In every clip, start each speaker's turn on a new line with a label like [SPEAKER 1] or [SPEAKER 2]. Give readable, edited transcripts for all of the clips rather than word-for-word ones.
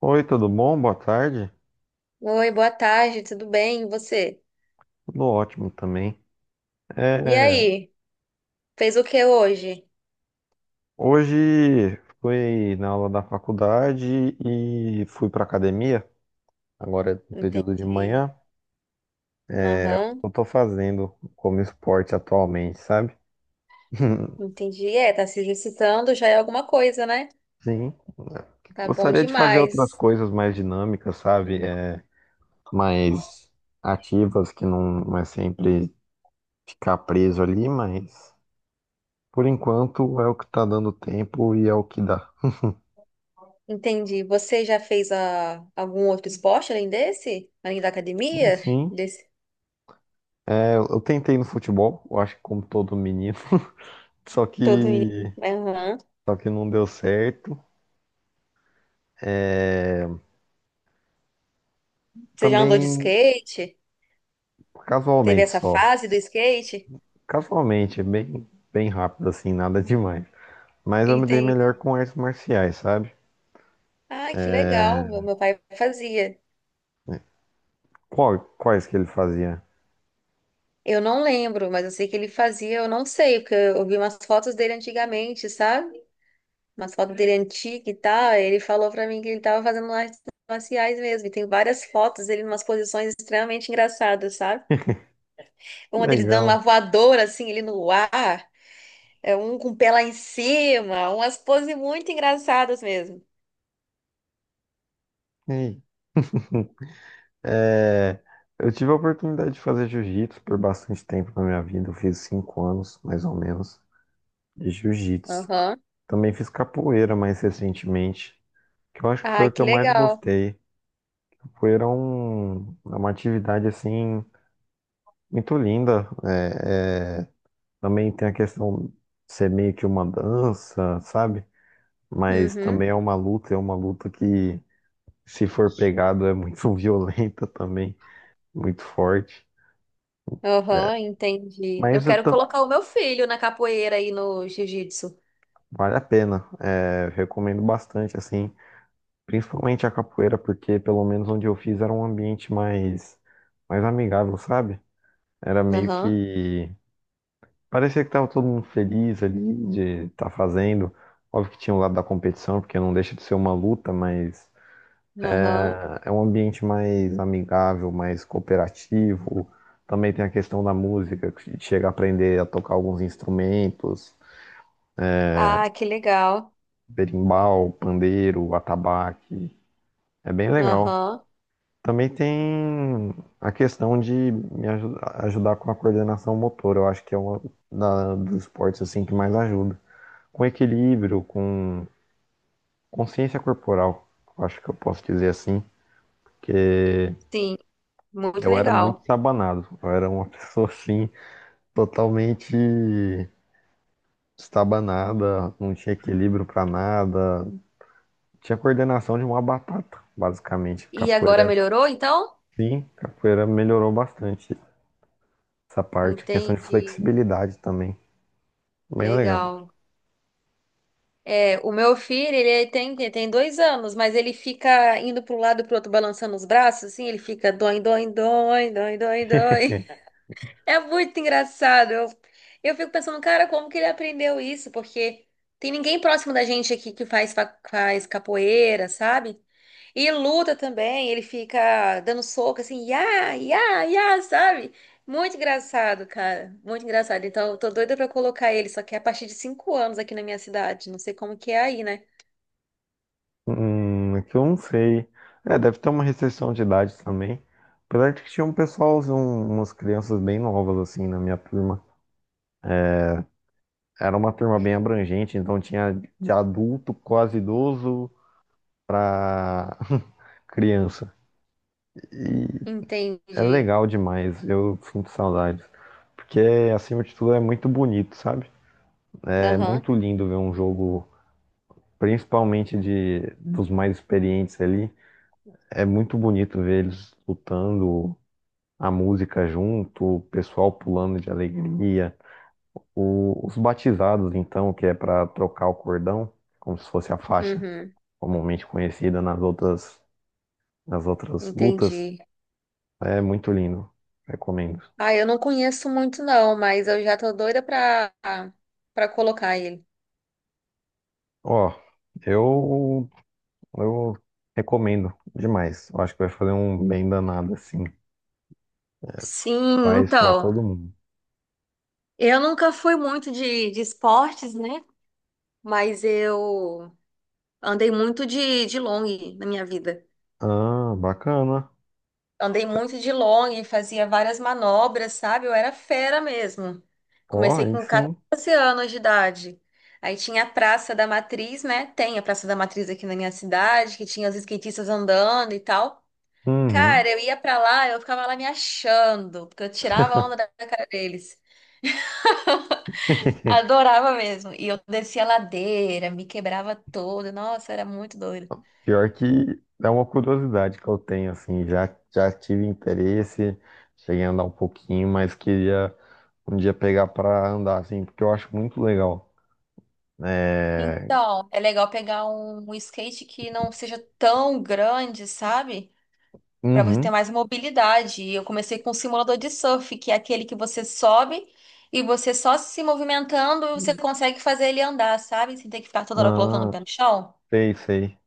[SPEAKER 1] Oi, tudo bom? Boa tarde.
[SPEAKER 2] Oi, boa tarde, tudo bem? E você?
[SPEAKER 1] Tudo ótimo também.
[SPEAKER 2] E
[SPEAKER 1] É,
[SPEAKER 2] aí, fez o que hoje?
[SPEAKER 1] Hoje fui na aula da faculdade e fui para academia. Agora é no período de
[SPEAKER 2] Entendi.
[SPEAKER 1] manhã. O
[SPEAKER 2] Aham,
[SPEAKER 1] que eu tô fazendo como esporte atualmente, sabe?
[SPEAKER 2] entendi. É, tá se exercitando já é alguma coisa, né?
[SPEAKER 1] Sim.
[SPEAKER 2] Tá bom
[SPEAKER 1] Gostaria de fazer outras
[SPEAKER 2] demais.
[SPEAKER 1] coisas mais dinâmicas, sabe? Mais ativas, que não é sempre ficar preso ali, mas por enquanto é o que tá dando tempo e é o que dá.
[SPEAKER 2] Entendi. Você já fez algum outro esporte além desse? Além da
[SPEAKER 1] Sim,
[SPEAKER 2] academia?
[SPEAKER 1] sim.
[SPEAKER 2] Desse
[SPEAKER 1] Eu tentei no futebol, eu acho que como todo menino, só
[SPEAKER 2] todo menino.
[SPEAKER 1] que
[SPEAKER 2] Aham.
[SPEAKER 1] só que não deu certo.
[SPEAKER 2] Você já andou de
[SPEAKER 1] Também
[SPEAKER 2] skate? Teve
[SPEAKER 1] casualmente
[SPEAKER 2] essa
[SPEAKER 1] só.
[SPEAKER 2] fase do skate?
[SPEAKER 1] Casualmente, é bem bem rápido assim, nada demais. Mas eu me dei melhor
[SPEAKER 2] Entendi.
[SPEAKER 1] com artes marciais, sabe?
[SPEAKER 2] Ah, que legal. Meu pai fazia.
[SPEAKER 1] Qual, quais que ele fazia?
[SPEAKER 2] Eu não lembro, mas eu sei que ele fazia, eu não sei, porque eu vi umas fotos dele antigamente, sabe? Umas fotos dele antiga e tal. Ele falou pra mim que ele tava fazendo artes marciais mesmo. E tem várias fotos dele em umas posições extremamente engraçadas, sabe? Uma dele dando uma
[SPEAKER 1] Legal.
[SPEAKER 2] voadora, assim, ele no ar, é um com o pé lá em cima, umas poses muito engraçadas mesmo.
[SPEAKER 1] Ei, é, eu tive a oportunidade de fazer jiu-jitsu por bastante tempo na minha vida. Eu fiz cinco anos, mais ou menos, de jiu-jitsu.
[SPEAKER 2] Aham.
[SPEAKER 1] Também fiz capoeira mais recentemente, que eu acho que foi
[SPEAKER 2] Ai,
[SPEAKER 1] o que
[SPEAKER 2] que
[SPEAKER 1] eu mais
[SPEAKER 2] legal.
[SPEAKER 1] gostei. É uma atividade assim muito linda. Também tem a questão de ser meio que uma dança, sabe? Mas
[SPEAKER 2] Uhum.
[SPEAKER 1] também é uma luta que, se for pegado, é muito violenta também, muito forte. É,
[SPEAKER 2] Aham, entendi. Eu
[SPEAKER 1] Mas eu
[SPEAKER 2] quero
[SPEAKER 1] tô-
[SPEAKER 2] colocar o meu filho na capoeira aí no jiu-jitsu.
[SPEAKER 1] Vale a pena. É, recomendo bastante, assim, principalmente a capoeira, porque pelo menos onde eu fiz era um ambiente mais, mais amigável, sabe? Era meio
[SPEAKER 2] Aham.
[SPEAKER 1] que parecia que tava todo mundo feliz ali de estar fazendo. Óbvio que tinha o lado da competição, porque não deixa de ser uma luta, mas
[SPEAKER 2] Aham.
[SPEAKER 1] é um ambiente mais amigável, mais cooperativo. Também tem a questão da música, que chega a aprender a tocar alguns instrumentos,
[SPEAKER 2] Ah, que legal.
[SPEAKER 1] berimbau, pandeiro, atabaque. É bem legal.
[SPEAKER 2] Aham,
[SPEAKER 1] Também tem a questão de ajudar com a coordenação motora. Eu acho que é uma dos esportes assim que mais ajuda. Com equilíbrio, com consciência corporal, eu acho que eu posso dizer assim, que
[SPEAKER 2] sim, muito
[SPEAKER 1] eu era muito
[SPEAKER 2] legal.
[SPEAKER 1] estabanado. Eu era uma pessoa assim, totalmente estabanada, não tinha equilíbrio pra nada, tinha coordenação de uma batata, basicamente.
[SPEAKER 2] E agora
[SPEAKER 1] Capoeira,
[SPEAKER 2] melhorou, então?
[SPEAKER 1] sim, capoeira melhorou bastante essa parte, questão de
[SPEAKER 2] Entendi.
[SPEAKER 1] flexibilidade também. Bem legal.
[SPEAKER 2] Legal. É, o meu filho, ele tem 2 anos, mas ele fica indo para um lado e pro outro, balançando os braços, assim, ele fica dói, dói, dói, dói, dói, dói. É muito engraçado. Eu fico pensando, cara, como que ele aprendeu isso? Porque tem ninguém próximo da gente aqui que faz capoeira, sabe? E luta também, ele fica dando soco assim, ia, ia, ia, sabe? Muito engraçado, cara. Muito engraçado. Então, eu tô doida pra colocar ele, só que é a partir de 5 anos aqui na minha cidade. Não sei como que é aí, né?
[SPEAKER 1] É que eu não sei. É, deve ter uma restrição de idade também. Apesar de que tinha umas crianças bem novas, assim, na minha turma. Era uma turma bem abrangente, então tinha de adulto, quase idoso, pra criança. E é
[SPEAKER 2] Entendi.
[SPEAKER 1] legal demais, eu sinto saudades. Porque, acima de tudo, é muito bonito, sabe? É
[SPEAKER 2] Aham.
[SPEAKER 1] muito lindo ver um jogo, principalmente de dos mais experientes ali. É muito bonito ver eles lutando, a música junto, o pessoal pulando de alegria, os batizados, então, que é para trocar o cordão, como se fosse a faixa
[SPEAKER 2] Uhum.
[SPEAKER 1] comumente conhecida nas outras lutas,
[SPEAKER 2] Entendi.
[SPEAKER 1] é muito lindo, recomendo.
[SPEAKER 2] Ah, eu não conheço muito não, mas eu já tô doida pra colocar ele.
[SPEAKER 1] Ó, eu, eu recomendo demais, eu acho que vai fazer um bem danado, assim,
[SPEAKER 2] Sim,
[SPEAKER 1] faz para
[SPEAKER 2] então.
[SPEAKER 1] todo mundo.
[SPEAKER 2] Eu nunca fui muito de esportes, né? Mas eu andei muito de long na minha vida.
[SPEAKER 1] Ah, bacana.
[SPEAKER 2] Andei muito de long, fazia várias manobras, sabe? Eu era fera mesmo.
[SPEAKER 1] Ó,
[SPEAKER 2] Comecei
[SPEAKER 1] aí
[SPEAKER 2] com
[SPEAKER 1] sim.
[SPEAKER 2] 14 anos de idade. Aí tinha a Praça da Matriz, né? Tem a Praça da Matriz aqui na minha cidade, que tinha os skatistas andando e tal.
[SPEAKER 1] Uhum.
[SPEAKER 2] Cara, eu ia pra lá, eu ficava lá me achando, porque eu tirava a onda da cara deles. Adorava mesmo. E eu descia a ladeira, me quebrava toda. Nossa, era muito doido.
[SPEAKER 1] Pior que é uma curiosidade que eu tenho, assim, já tive interesse, cheguei a andar um pouquinho, mas queria um dia pegar pra andar, assim, porque eu acho muito legal. É...
[SPEAKER 2] Então, é legal pegar um skate que não seja tão grande, sabe? Para você ter
[SPEAKER 1] Uhum.
[SPEAKER 2] mais mobilidade. E eu comecei com um simulador de surf, que é aquele que você sobe e você só se movimentando você consegue fazer ele andar, sabe? Sem ter que ficar toda hora colocando o
[SPEAKER 1] Ah,
[SPEAKER 2] pé no chão.
[SPEAKER 1] sei, sei.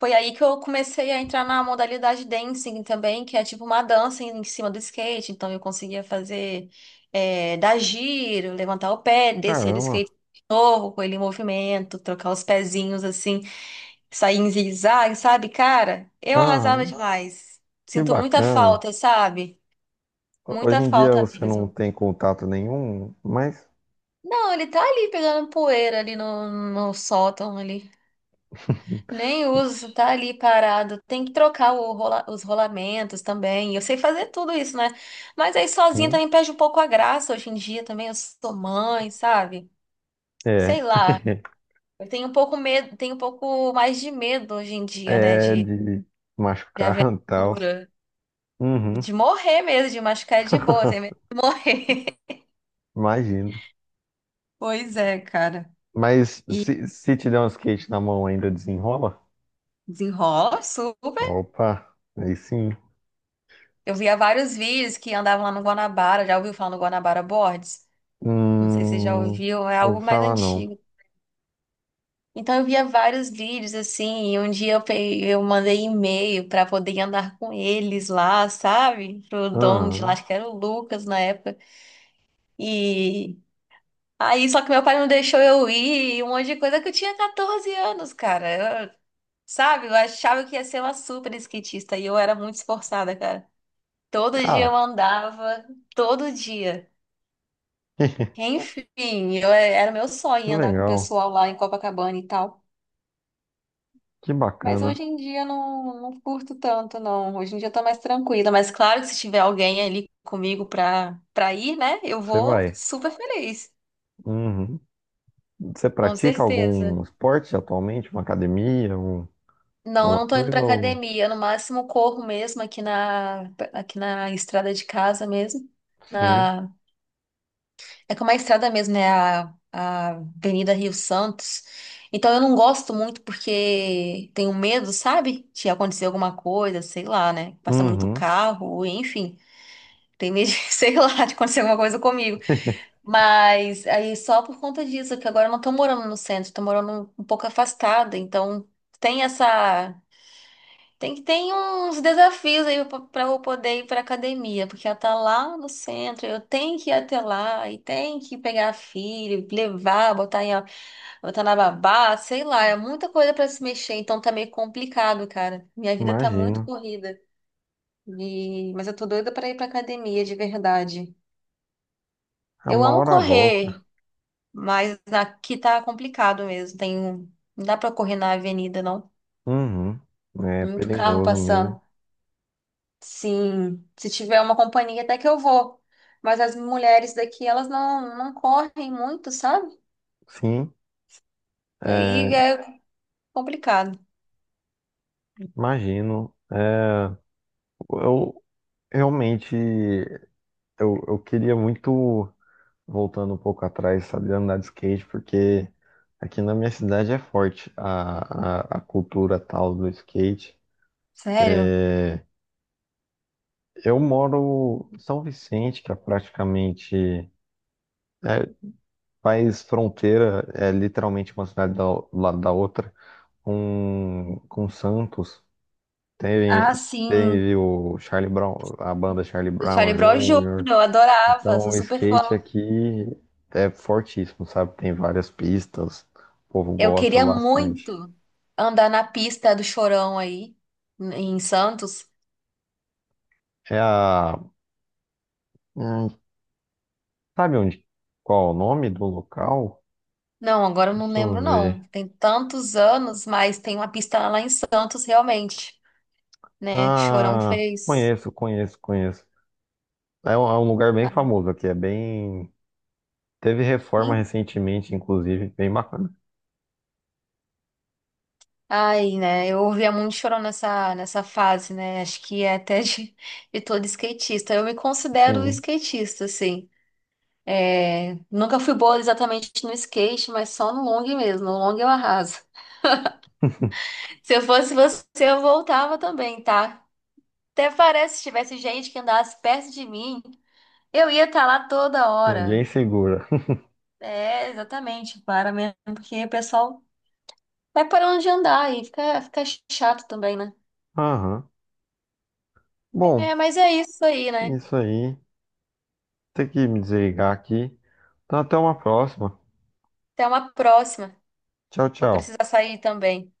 [SPEAKER 2] Foi aí que eu comecei a entrar na modalidade dancing também, que é tipo uma dança em cima do skate. Então eu conseguia fazer, é, dar giro, levantar o pé, descer do
[SPEAKER 1] Caramba.
[SPEAKER 2] skate de novo com ele em movimento, trocar os pezinhos assim sair em zigue-zague, sabe, cara? Eu
[SPEAKER 1] Ah,
[SPEAKER 2] arrasava demais.
[SPEAKER 1] que
[SPEAKER 2] Sinto muita
[SPEAKER 1] bacana.
[SPEAKER 2] falta, sabe?
[SPEAKER 1] Hoje
[SPEAKER 2] Muita
[SPEAKER 1] em dia
[SPEAKER 2] falta
[SPEAKER 1] você não
[SPEAKER 2] mesmo.
[SPEAKER 1] tem contato nenhum, mas
[SPEAKER 2] Não, ele tá ali pegando poeira ali no sótão ali. Nem uso, tá ali parado. Tem que trocar o os rolamentos também. Eu sei fazer tudo isso, né? Mas aí sozinha
[SPEAKER 1] sim,
[SPEAKER 2] também perde um pouco a graça hoje em dia também. Eu sou mãe, sabe? Sei
[SPEAKER 1] é.
[SPEAKER 2] lá. Eu tenho um pouco medo, tenho um pouco mais de medo hoje em dia, né?
[SPEAKER 1] É de
[SPEAKER 2] De
[SPEAKER 1] machucar e tal.
[SPEAKER 2] aventura.
[SPEAKER 1] Uhum.
[SPEAKER 2] De morrer mesmo, de machucar é de boa, tem medo de morrer.
[SPEAKER 1] Imagino.
[SPEAKER 2] Pois é, cara.
[SPEAKER 1] Mas
[SPEAKER 2] E
[SPEAKER 1] se te der um skate na mão, ainda desenrola?
[SPEAKER 2] desenrola super.
[SPEAKER 1] Opa, aí sim.
[SPEAKER 2] Eu via vários vídeos que andavam lá no Guanabara. Já ouviu falar no Guanabara Boards? Não sei se você já
[SPEAKER 1] Hum,
[SPEAKER 2] ouviu, é
[SPEAKER 1] ouvi
[SPEAKER 2] algo mais
[SPEAKER 1] falar não.
[SPEAKER 2] antigo. Então eu via vários vídeos assim, e um dia eu, eu mandei e-mail pra poder andar com eles lá, sabe? Pro dono de lá,
[SPEAKER 1] Ah,
[SPEAKER 2] acho que era o Lucas na época. E aí, só que meu pai não deixou eu ir, e um monte de coisa que eu tinha 14 anos, cara. Sabe, eu achava que ia ser uma super skatista e eu era muito esforçada, cara. Todo dia eu
[SPEAKER 1] ah,
[SPEAKER 2] andava, todo dia. Enfim, eu, era meu
[SPEAKER 1] que
[SPEAKER 2] sonho andar com o
[SPEAKER 1] legal,
[SPEAKER 2] pessoal lá em Copacabana e tal.
[SPEAKER 1] que
[SPEAKER 2] Mas
[SPEAKER 1] bacana.
[SPEAKER 2] hoje em dia eu não curto tanto, não. Hoje em dia eu tô mais tranquila. Mas claro que se tiver alguém ali comigo pra ir, né? Eu
[SPEAKER 1] Você
[SPEAKER 2] vou
[SPEAKER 1] vai.
[SPEAKER 2] super feliz,
[SPEAKER 1] Uhum. Você
[SPEAKER 2] com
[SPEAKER 1] pratica
[SPEAKER 2] certeza.
[SPEAKER 1] algum esporte atualmente? Uma academia?
[SPEAKER 2] Não, eu
[SPEAKER 1] Alguma
[SPEAKER 2] não tô indo
[SPEAKER 1] coisa?
[SPEAKER 2] pra
[SPEAKER 1] Ou...
[SPEAKER 2] academia. No máximo corro mesmo aqui na estrada de casa mesmo
[SPEAKER 1] Sim.
[SPEAKER 2] na. É como a estrada mesmo, né? A Avenida Rio Santos. Então eu não gosto muito porque tenho medo, sabe? De acontecer alguma coisa, sei lá, né? Passa muito
[SPEAKER 1] Uhum.
[SPEAKER 2] carro, enfim. Tenho medo, de, sei lá, de acontecer alguma coisa comigo. Mas aí só por conta disso, que agora eu não tô morando no centro, tô morando um pouco afastada. Então tem essa. Tem que ter uns desafios aí para eu poder ir para academia, porque ela tá lá no centro, eu tenho que ir até lá e tenho que pegar a filha, levar, botar em, botar na babá, sei lá, é muita coisa para se mexer, então tá meio complicado, cara. Minha vida tá muito
[SPEAKER 1] Imagino.
[SPEAKER 2] corrida. E mas eu tô doida para ir para academia de verdade.
[SPEAKER 1] A
[SPEAKER 2] Eu
[SPEAKER 1] uma
[SPEAKER 2] amo
[SPEAKER 1] hora volta.
[SPEAKER 2] correr, mas aqui tá complicado mesmo. Tem, um, não dá para correr na avenida, não.
[SPEAKER 1] Uhum. É
[SPEAKER 2] Muito carro
[SPEAKER 1] perigoso mesmo.
[SPEAKER 2] passando. Sim, se tiver uma companhia até que eu vou. Mas as mulheres daqui, elas não correm muito, sabe?
[SPEAKER 1] Sim,
[SPEAKER 2] Aí
[SPEAKER 1] é,
[SPEAKER 2] é complicado.
[SPEAKER 1] imagino. Eu, Realmente, eu queria muito, voltando um pouco atrás, saber andar de skate, porque aqui na minha cidade é forte a cultura tal do skate.
[SPEAKER 2] Sério?
[SPEAKER 1] Eu moro em São Vicente, que é praticamente é, faz fronteira, é literalmente uma cidade do lado da outra, com Santos. Teve,
[SPEAKER 2] Ah, sim.
[SPEAKER 1] teve o Charlie Brown, a banda Charlie
[SPEAKER 2] O
[SPEAKER 1] Brown
[SPEAKER 2] Charlie Brown Jr.,
[SPEAKER 1] Jr.
[SPEAKER 2] eu adorava,
[SPEAKER 1] Então,
[SPEAKER 2] sou
[SPEAKER 1] o
[SPEAKER 2] super
[SPEAKER 1] skate
[SPEAKER 2] fã.
[SPEAKER 1] aqui é fortíssimo, sabe? Tem várias pistas, o povo
[SPEAKER 2] Eu
[SPEAKER 1] gosta
[SPEAKER 2] queria
[SPEAKER 1] bastante.
[SPEAKER 2] muito andar na pista do Chorão aí, em Santos.
[SPEAKER 1] É a. hum, Sabe onde? Qual é o nome do local?
[SPEAKER 2] Não, agora eu não
[SPEAKER 1] Deixa eu
[SPEAKER 2] lembro,
[SPEAKER 1] ver.
[SPEAKER 2] não. Tem tantos anos, mas tem uma pista lá em Santos, realmente, né? Que Chorão
[SPEAKER 1] Ah,
[SPEAKER 2] fez.
[SPEAKER 1] conheço, conheço, conheço. É um lugar bem famoso aqui, é bem. Teve reforma recentemente, inclusive, bem bacana.
[SPEAKER 2] Ai, né? Eu ouvia muito chorão nessa fase, né? Acho que é até de, de todo skatista. Eu me considero
[SPEAKER 1] Sim,
[SPEAKER 2] skatista, assim. É, nunca fui boa exatamente no skate, mas só no long mesmo. No long eu arraso. Se eu fosse você, eu voltava também, tá? Até parece se tivesse gente que andasse perto de mim, eu ia estar lá toda
[SPEAKER 1] ninguém
[SPEAKER 2] hora.
[SPEAKER 1] segura.
[SPEAKER 2] É, exatamente, para mesmo, porque o pessoal vai parando de andar e fica chato também, né?
[SPEAKER 1] Aham. Bom,
[SPEAKER 2] É, mas é isso aí, né?
[SPEAKER 1] isso aí. Tem que me desligar aqui. Então, até uma próxima.
[SPEAKER 2] Até uma próxima.
[SPEAKER 1] Tchau,
[SPEAKER 2] Vou
[SPEAKER 1] tchau.
[SPEAKER 2] precisar sair também.